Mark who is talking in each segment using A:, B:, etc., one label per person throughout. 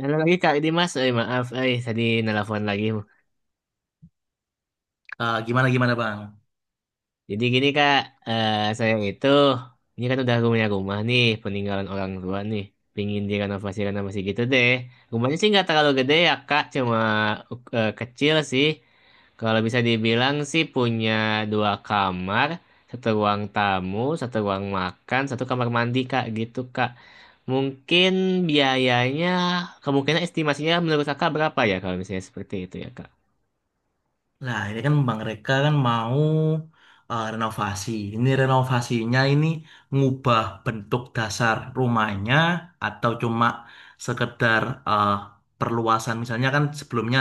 A: Halo lagi Kak Dimas, maaf, tadi nelpon lagi.
B: Gimana gimana Bang?
A: Jadi gini Kak, saya itu ini kan udah punya rumah nih, peninggalan orang tua nih, pingin direnovasi gitu deh. Rumahnya sih nggak terlalu gede ya Kak, cuma kecil sih. Kalau bisa dibilang sih punya dua kamar, satu ruang tamu, satu ruang makan, satu kamar mandi Kak, gitu Kak. Mungkin biayanya kemungkinan estimasinya menurut Kakak berapa ya kalau misalnya seperti itu ya Kak?
B: Nah, ini kan Bang Reka kan mau renovasi. Ini renovasinya ini ngubah bentuk dasar rumahnya atau cuma sekedar eh, perluasan. Misalnya kan sebelumnya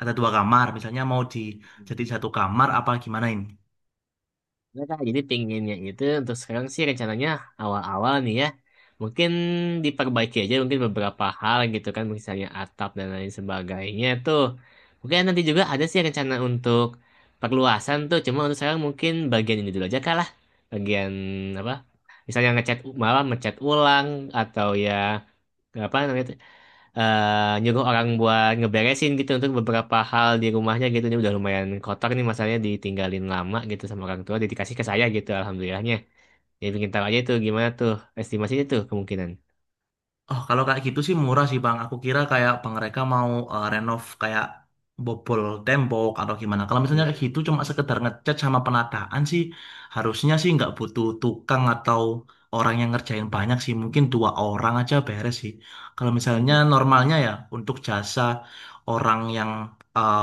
B: ada dua kamar, misalnya mau di jadi satu kamar apa gimana ini?
A: Ya, Kak, jadi pinginnya itu untuk sekarang sih rencananya awal-awal nih ya. Mungkin diperbaiki aja mungkin beberapa hal gitu kan. Misalnya atap dan lain sebagainya tuh. Mungkin nanti juga ada sih rencana untuk perluasan tuh. Cuma untuk sekarang mungkin bagian ini dulu aja kalah. Bagian apa? Misalnya ngecat malah ngecat ulang atau ya apa namanya tuh, nyuruh orang buat ngeberesin gitu untuk beberapa hal di rumahnya gitu ini udah lumayan kotor nih masalahnya ditinggalin lama gitu sama orang tua jadi dikasih ke saya gitu alhamdulillahnya jadi bikin tahu aja itu gimana tuh estimasinya tuh kemungkinan.
B: Oh, kalau kayak gitu sih murah sih Bang. Aku kira kayak Bang mereka mau renov kayak bobol tembok atau gimana. Kalau misalnya kayak
A: Hmm,
B: gitu cuma sekedar ngecat sama penataan sih, harusnya sih nggak butuh tukang atau orang yang ngerjain banyak sih. Mungkin dua orang aja beres sih. Kalau misalnya
A: hmm.
B: normalnya ya untuk jasa orang yang eh,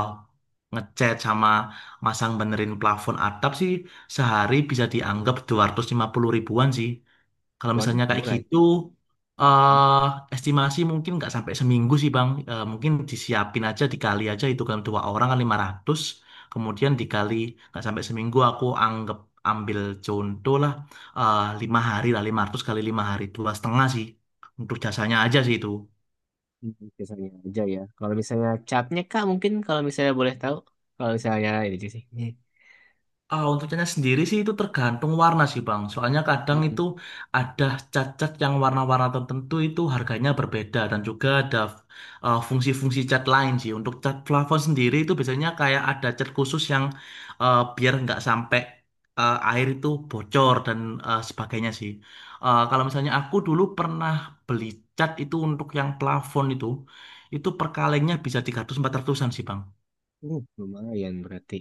B: ngecat sama masang benerin plafon atap sih sehari bisa dianggap 250 ribuan sih. Kalau
A: Waduh,
B: misalnya kayak
A: murah.
B: gitu,
A: Hmm,
B: eh estimasi mungkin nggak sampai seminggu sih Bang. Mungkin disiapin aja, dikali aja itu kan dua orang kan 500, kemudian dikali nggak sampai seminggu aku anggap ambil contoh lah 5 hari lah 500 kali 5 hari 2,5 sih untuk jasanya aja sih itu.
A: Biasanya aja ya. Kalau misalnya capnya Kak, mungkin kalau misalnya boleh tahu. Kalau misalnya ini sih. Hmm.
B: Untuk catnya sendiri sih itu tergantung warna sih Bang. Soalnya kadang
A: Hmm,
B: itu ada cat-cat yang warna-warna tertentu itu harganya berbeda dan juga ada fungsi-fungsi cat lain sih. Untuk cat plafon sendiri itu biasanya kayak ada cat khusus yang biar nggak sampai air itu bocor dan sebagainya sih. Kalau misalnya aku dulu pernah beli cat itu untuk yang plafon itu per kalengnya bisa 300-400an sih Bang.
A: lumayan berarti.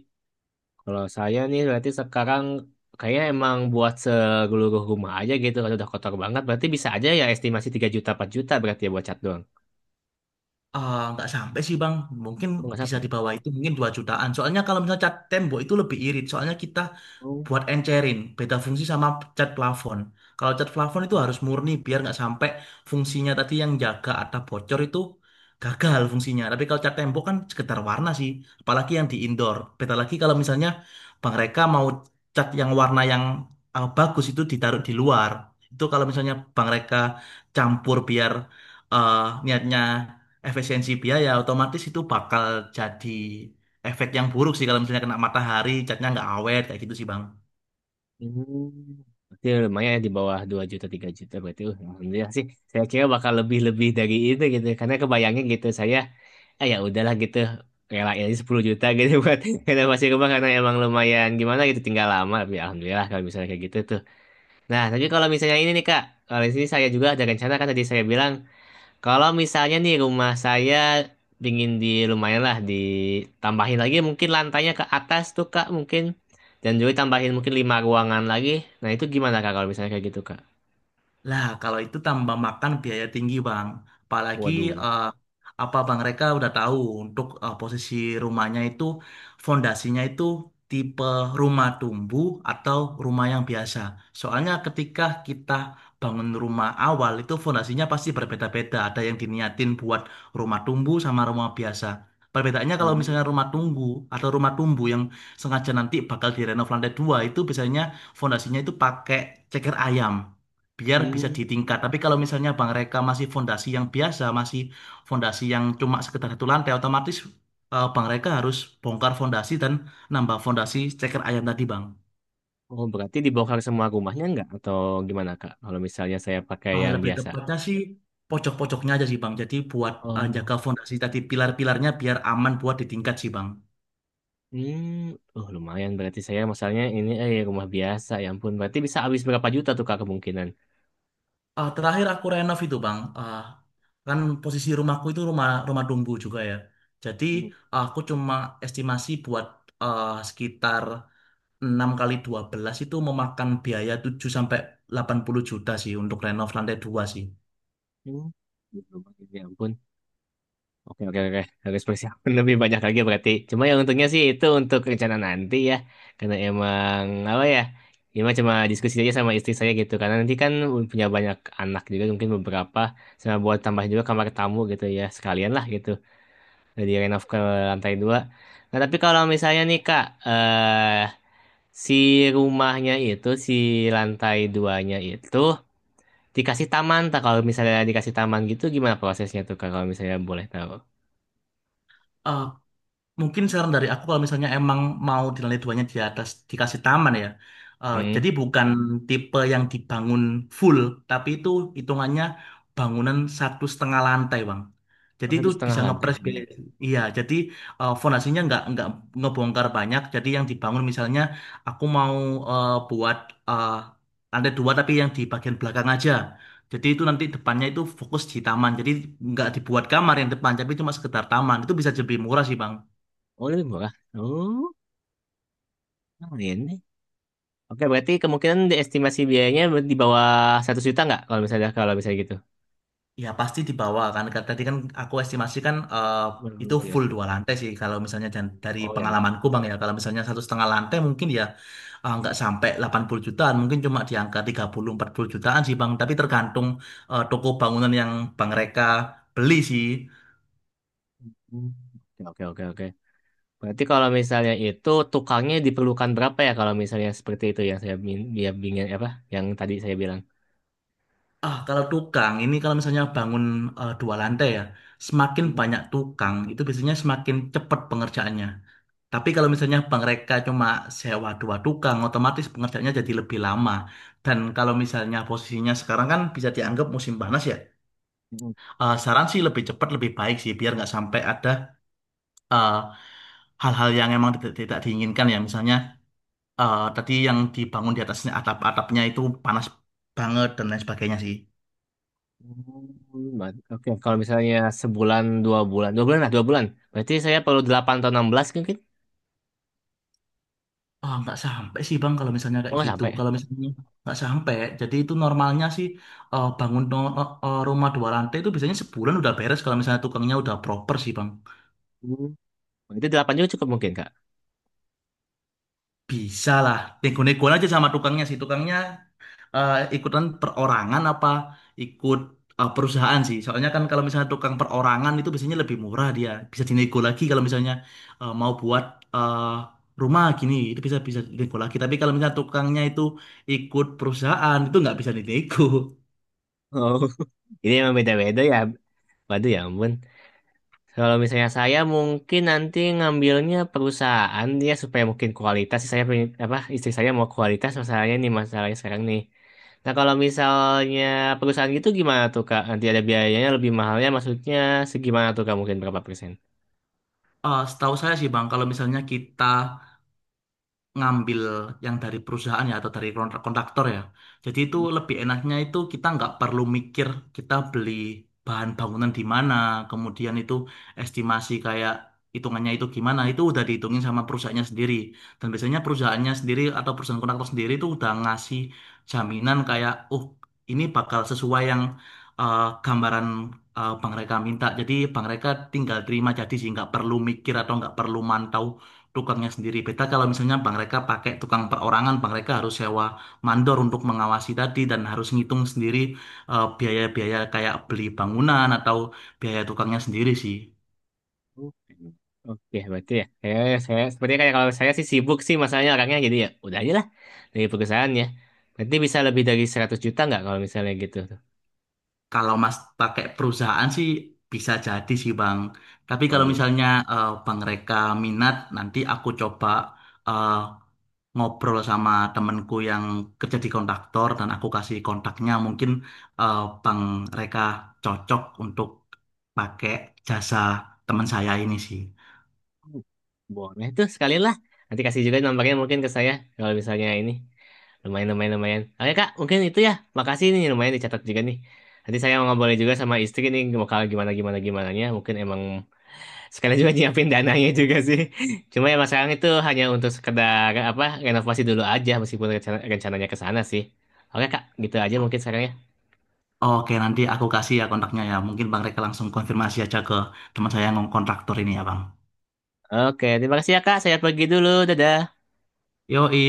A: Kalau saya nih berarti sekarang kayaknya emang buat seluruh rumah aja gitu. Kalau udah kotor banget berarti bisa aja ya estimasi 3 juta 4 juta berarti ya buat cat doang.
B: Nggak sampai sih Bang, mungkin
A: Oh, nggak
B: bisa
A: sampai
B: di
A: ya?
B: bawah itu mungkin 2 jutaan. Soalnya kalau misalnya cat tembok itu lebih irit, soalnya kita
A: Oh.
B: buat encerin beda fungsi sama cat plafon. Kalau cat plafon itu harus murni biar nggak sampai fungsinya tadi yang jaga atap bocor itu gagal fungsinya. Tapi kalau cat tembok kan sekedar warna sih, apalagi yang di indoor. Beda lagi kalau misalnya Bang Reka mau cat yang warna yang bagus itu ditaruh di luar. Itu kalau misalnya Bang Reka campur biar eh, niatnya efisiensi biaya, otomatis itu bakal jadi efek yang buruk sih kalau misalnya kena matahari, catnya nggak awet kayak gitu sih Bang.
A: Hmm. Berarti lumayan ya di bawah 2 juta 3 juta berarti alhamdulillah sih. Saya kira bakal lebih-lebih dari itu gitu. Karena kebayangnya gitu saya ah ya udahlah gitu relain aja 10 juta gitu buat renovasi rumah karena emang lumayan gimana gitu tinggal lama tapi alhamdulillah kalau misalnya kayak gitu tuh. Nah, tapi kalau misalnya ini nih Kak, kalau di sini saya juga ada rencana kan tadi saya bilang, kalau misalnya nih rumah saya pingin di lumayan lah ditambahin lagi mungkin lantainya ke atas tuh Kak mungkin dan juga tambahin mungkin lima ruangan lagi. Nah, itu gimana Kak kalau misalnya kayak gitu Kak?
B: Lah, kalau itu tambah makan biaya tinggi, Bang. Apalagi
A: Waduh.
B: eh, apa Bang Reka udah tahu untuk posisi rumahnya itu fondasinya itu tipe rumah tumbuh atau rumah yang biasa. Soalnya ketika kita bangun rumah awal itu fondasinya pasti berbeda-beda. Ada yang diniatin buat rumah tumbuh sama rumah biasa. Perbedaannya kalau misalnya
A: Hmm.
B: rumah tunggu atau rumah tumbuh yang sengaja nanti bakal direnov lantai dua itu biasanya fondasinya itu pakai ceker ayam biar bisa
A: Hmm.
B: ditingkat. Tapi kalau misalnya Bang Reka masih fondasi yang biasa, masih fondasi yang cuma sekedar satu lantai, otomatis Bang Reka harus bongkar fondasi dan nambah fondasi ceker ayam tadi, Bang.
A: Oh, berarti dibongkar semua rumahnya enggak atau gimana Kak? Kalau misalnya saya pakai
B: Ah,
A: yang
B: lebih
A: biasa.
B: tepatnya sih pojok-pojoknya aja sih, Bang. Jadi buat
A: Oh,
B: jaga fondasi tadi pilar-pilarnya biar aman buat ditingkat sih, Bang.
A: oh lumayan berarti saya misalnya ini rumah biasa, ya ampun berarti bisa habis berapa juta tuh Kak kemungkinan?
B: Terakhir aku renov itu, Bang. Kan posisi rumahku itu rumah rumah dumbu juga ya. Jadi aku cuma estimasi buat sekitar 6x12 itu memakan biaya 7 sampai 80 juta sih untuk renov lantai 2 sih.
A: Mungkin gitu Bang. Ya ampun. Oke, oke, oke. Harus persiapan lebih banyak lagi berarti. Cuma yang untungnya sih itu untuk rencana nanti ya. Karena emang, apa ya, ya emang cuma diskusi aja sama istri saya gitu. Karena nanti kan punya banyak anak juga, mungkin beberapa. Sama buat tambah juga kamar tamu gitu ya. Sekalian lah gitu. Dari renov ke lantai 2. Nah, tapi kalau misalnya nih, Kak, si rumahnya itu, si lantai duanya itu, dikasih taman, tak kalau misalnya dikasih taman gitu gimana prosesnya tuh Kak, kalau misalnya boleh tahu?
B: Mungkin saran dari aku kalau misalnya emang mau di lantai duanya di atas dikasih taman ya. Eh,
A: Hmm.
B: jadi bukan tipe yang dibangun full, tapi itu hitungannya bangunan 1,5 lantai, Bang.
A: Oh,
B: Jadi
A: satu
B: itu
A: setengah
B: bisa
A: lantai.
B: ngepres
A: Hmm.
B: biaya. Iya, jadi fondasinya nggak ngebongkar banyak. Jadi yang dibangun misalnya aku mau buat eh, lantai dua tapi yang di bagian belakang aja. Jadi itu nanti depannya itu fokus di taman. Jadi nggak dibuat kamar yang depan, tapi cuma sekedar taman. Itu bisa lebih murah sih, Bang.
A: Oh, lebih murah. Oh, lumayan nih. Oke, berarti kemungkinan di estimasi biayanya di bawah 1 juta nggak kalau misalnya gitu?
B: Ya pasti di bawah kan. Karena tadi kan aku estimasikan itu
A: Oh, ya.
B: full dua lantai sih. Kalau misalnya dan dari
A: Oh, ya itu.
B: pengalamanku Bang ya, kalau misalnya 1,5 lantai mungkin ya nggak sampai 80 jutaan, mungkin cuma di angka 30-40 jutaan sih Bang. Tapi tergantung toko bangunan yang Bang Reka beli sih.
A: Hmm. Oke, oke, oke. Berarti kalau misalnya itu tukangnya diperlukan berapa ya kalau misalnya seperti itu yang saya biar bingung apa yang tadi saya bilang?
B: Kalau tukang ini kalau misalnya bangun dua lantai ya, semakin banyak tukang itu biasanya semakin cepat pengerjaannya. Tapi kalau misalnya mereka cuma sewa dua tukang, otomatis pengerjaannya jadi lebih lama. Dan kalau misalnya posisinya sekarang kan bisa dianggap musim panas ya. Saran sih lebih cepat lebih baik sih, biar nggak sampai ada eh, hal-hal yang emang tidak diinginkan ya. Misalnya tadi yang dibangun di atasnya atap-atapnya itu panas banget dan lain sebagainya sih.
A: Oke, kalau misalnya sebulan, 2 bulan, 2 bulan lah, 2 bulan. Berarti saya perlu 8 atau 16 mungkin.
B: Nggak sampai sih Bang kalau misalnya
A: Oh,
B: kayak
A: nggak
B: gitu.
A: sampai ya?
B: Kalau misalnya nggak sampai, jadi itu normalnya sih bangun rumah dua lantai itu biasanya sebulan udah beres kalau misalnya tukangnya udah proper sih Bang.
A: Hmm. Berarti 8 juga cukup mungkin, Kak.
B: Bisa lah, nego-negoan aja sama tukangnya sih. Tukangnya ikutan perorangan apa ikut perusahaan sih. Soalnya kan kalau misalnya tukang perorangan itu biasanya lebih murah dia. Bisa dinego lagi kalau misalnya mau buat eh, rumah gini itu bisa bisa dinego lagi. Tapi kalau misalnya tukangnya itu ikut perusahaan itu nggak bisa dinego.
A: Oh. Ini emang beda-beda ya. Waduh ya ampun. Kalau misalnya saya mungkin nanti ngambilnya perusahaan dia supaya mungkin kualitas. Saya pengen, apa, istri saya mau kualitas masalahnya nih, masalahnya sekarang nih. Nah, kalau misalnya perusahaan gitu gimana tuh, Kak? Nanti ada biayanya lebih mahalnya, maksudnya segimana tuh, Kak? Mungkin berapa persen?
B: Setahu saya sih Bang, kalau misalnya kita ngambil yang dari perusahaan ya atau dari kontraktor ya. Jadi itu lebih enaknya itu kita nggak perlu mikir kita beli bahan bangunan di mana, kemudian itu estimasi kayak hitungannya itu gimana, itu udah dihitungin sama perusahaannya sendiri. Dan biasanya perusahaannya sendiri atau perusahaan kontraktor sendiri itu udah ngasih jaminan kayak, oh ini bakal sesuai yang gambaran Bang Reka minta. Jadi Bang Reka tinggal terima jadi sih nggak perlu mikir atau nggak perlu mantau tukangnya sendiri. Beda kalau misalnya Bang mereka pakai tukang perorangan, Bang mereka harus sewa mandor untuk mengawasi tadi dan harus ngitung sendiri biaya-biaya kayak beli bangunan atau biaya tukangnya sendiri sih.
A: Oke, oke, berarti ya. Saya sepertinya kayak kalau saya sih sibuk sih masalahnya orangnya jadi ya udah aja lah dari perusahaannya. Berarti bisa lebih dari 100 juta nggak kalau misalnya gitu?
B: Kalau Mas pakai perusahaan sih bisa jadi sih Bang. Tapi kalau
A: Waduh,
B: misalnya Bang mereka minat, nanti aku coba eh, ngobrol sama temenku yang kerja di kontraktor dan aku kasih kontaknya mungkin eh, Bang Reka cocok untuk pakai jasa teman saya ini sih.
A: boleh tuh sekali lah. Nanti kasih juga nomornya mungkin ke saya kalau misalnya ini lumayan lumayan lumayan. Oke Kak, mungkin itu ya. Makasih nih lumayan dicatat juga nih. Nanti saya mau ngobrol juga sama istri nih bakal gimana gimana gimana. Mungkin emang sekalian juga nyiapin dananya juga sih. Cuma ya sekarang itu hanya untuk sekedar apa renovasi dulu aja meskipun rencananya ke sana sih. Oke Kak, gitu aja mungkin sekarang ya.
B: Oke, nanti aku kasih ya kontaknya ya. Mungkin Bang Reka langsung konfirmasi aja ke teman saya yang kontraktor ini ya, Bang.
A: Oke, terima kasih ya Kak. Saya pergi dulu. Dadah.
B: Yoi.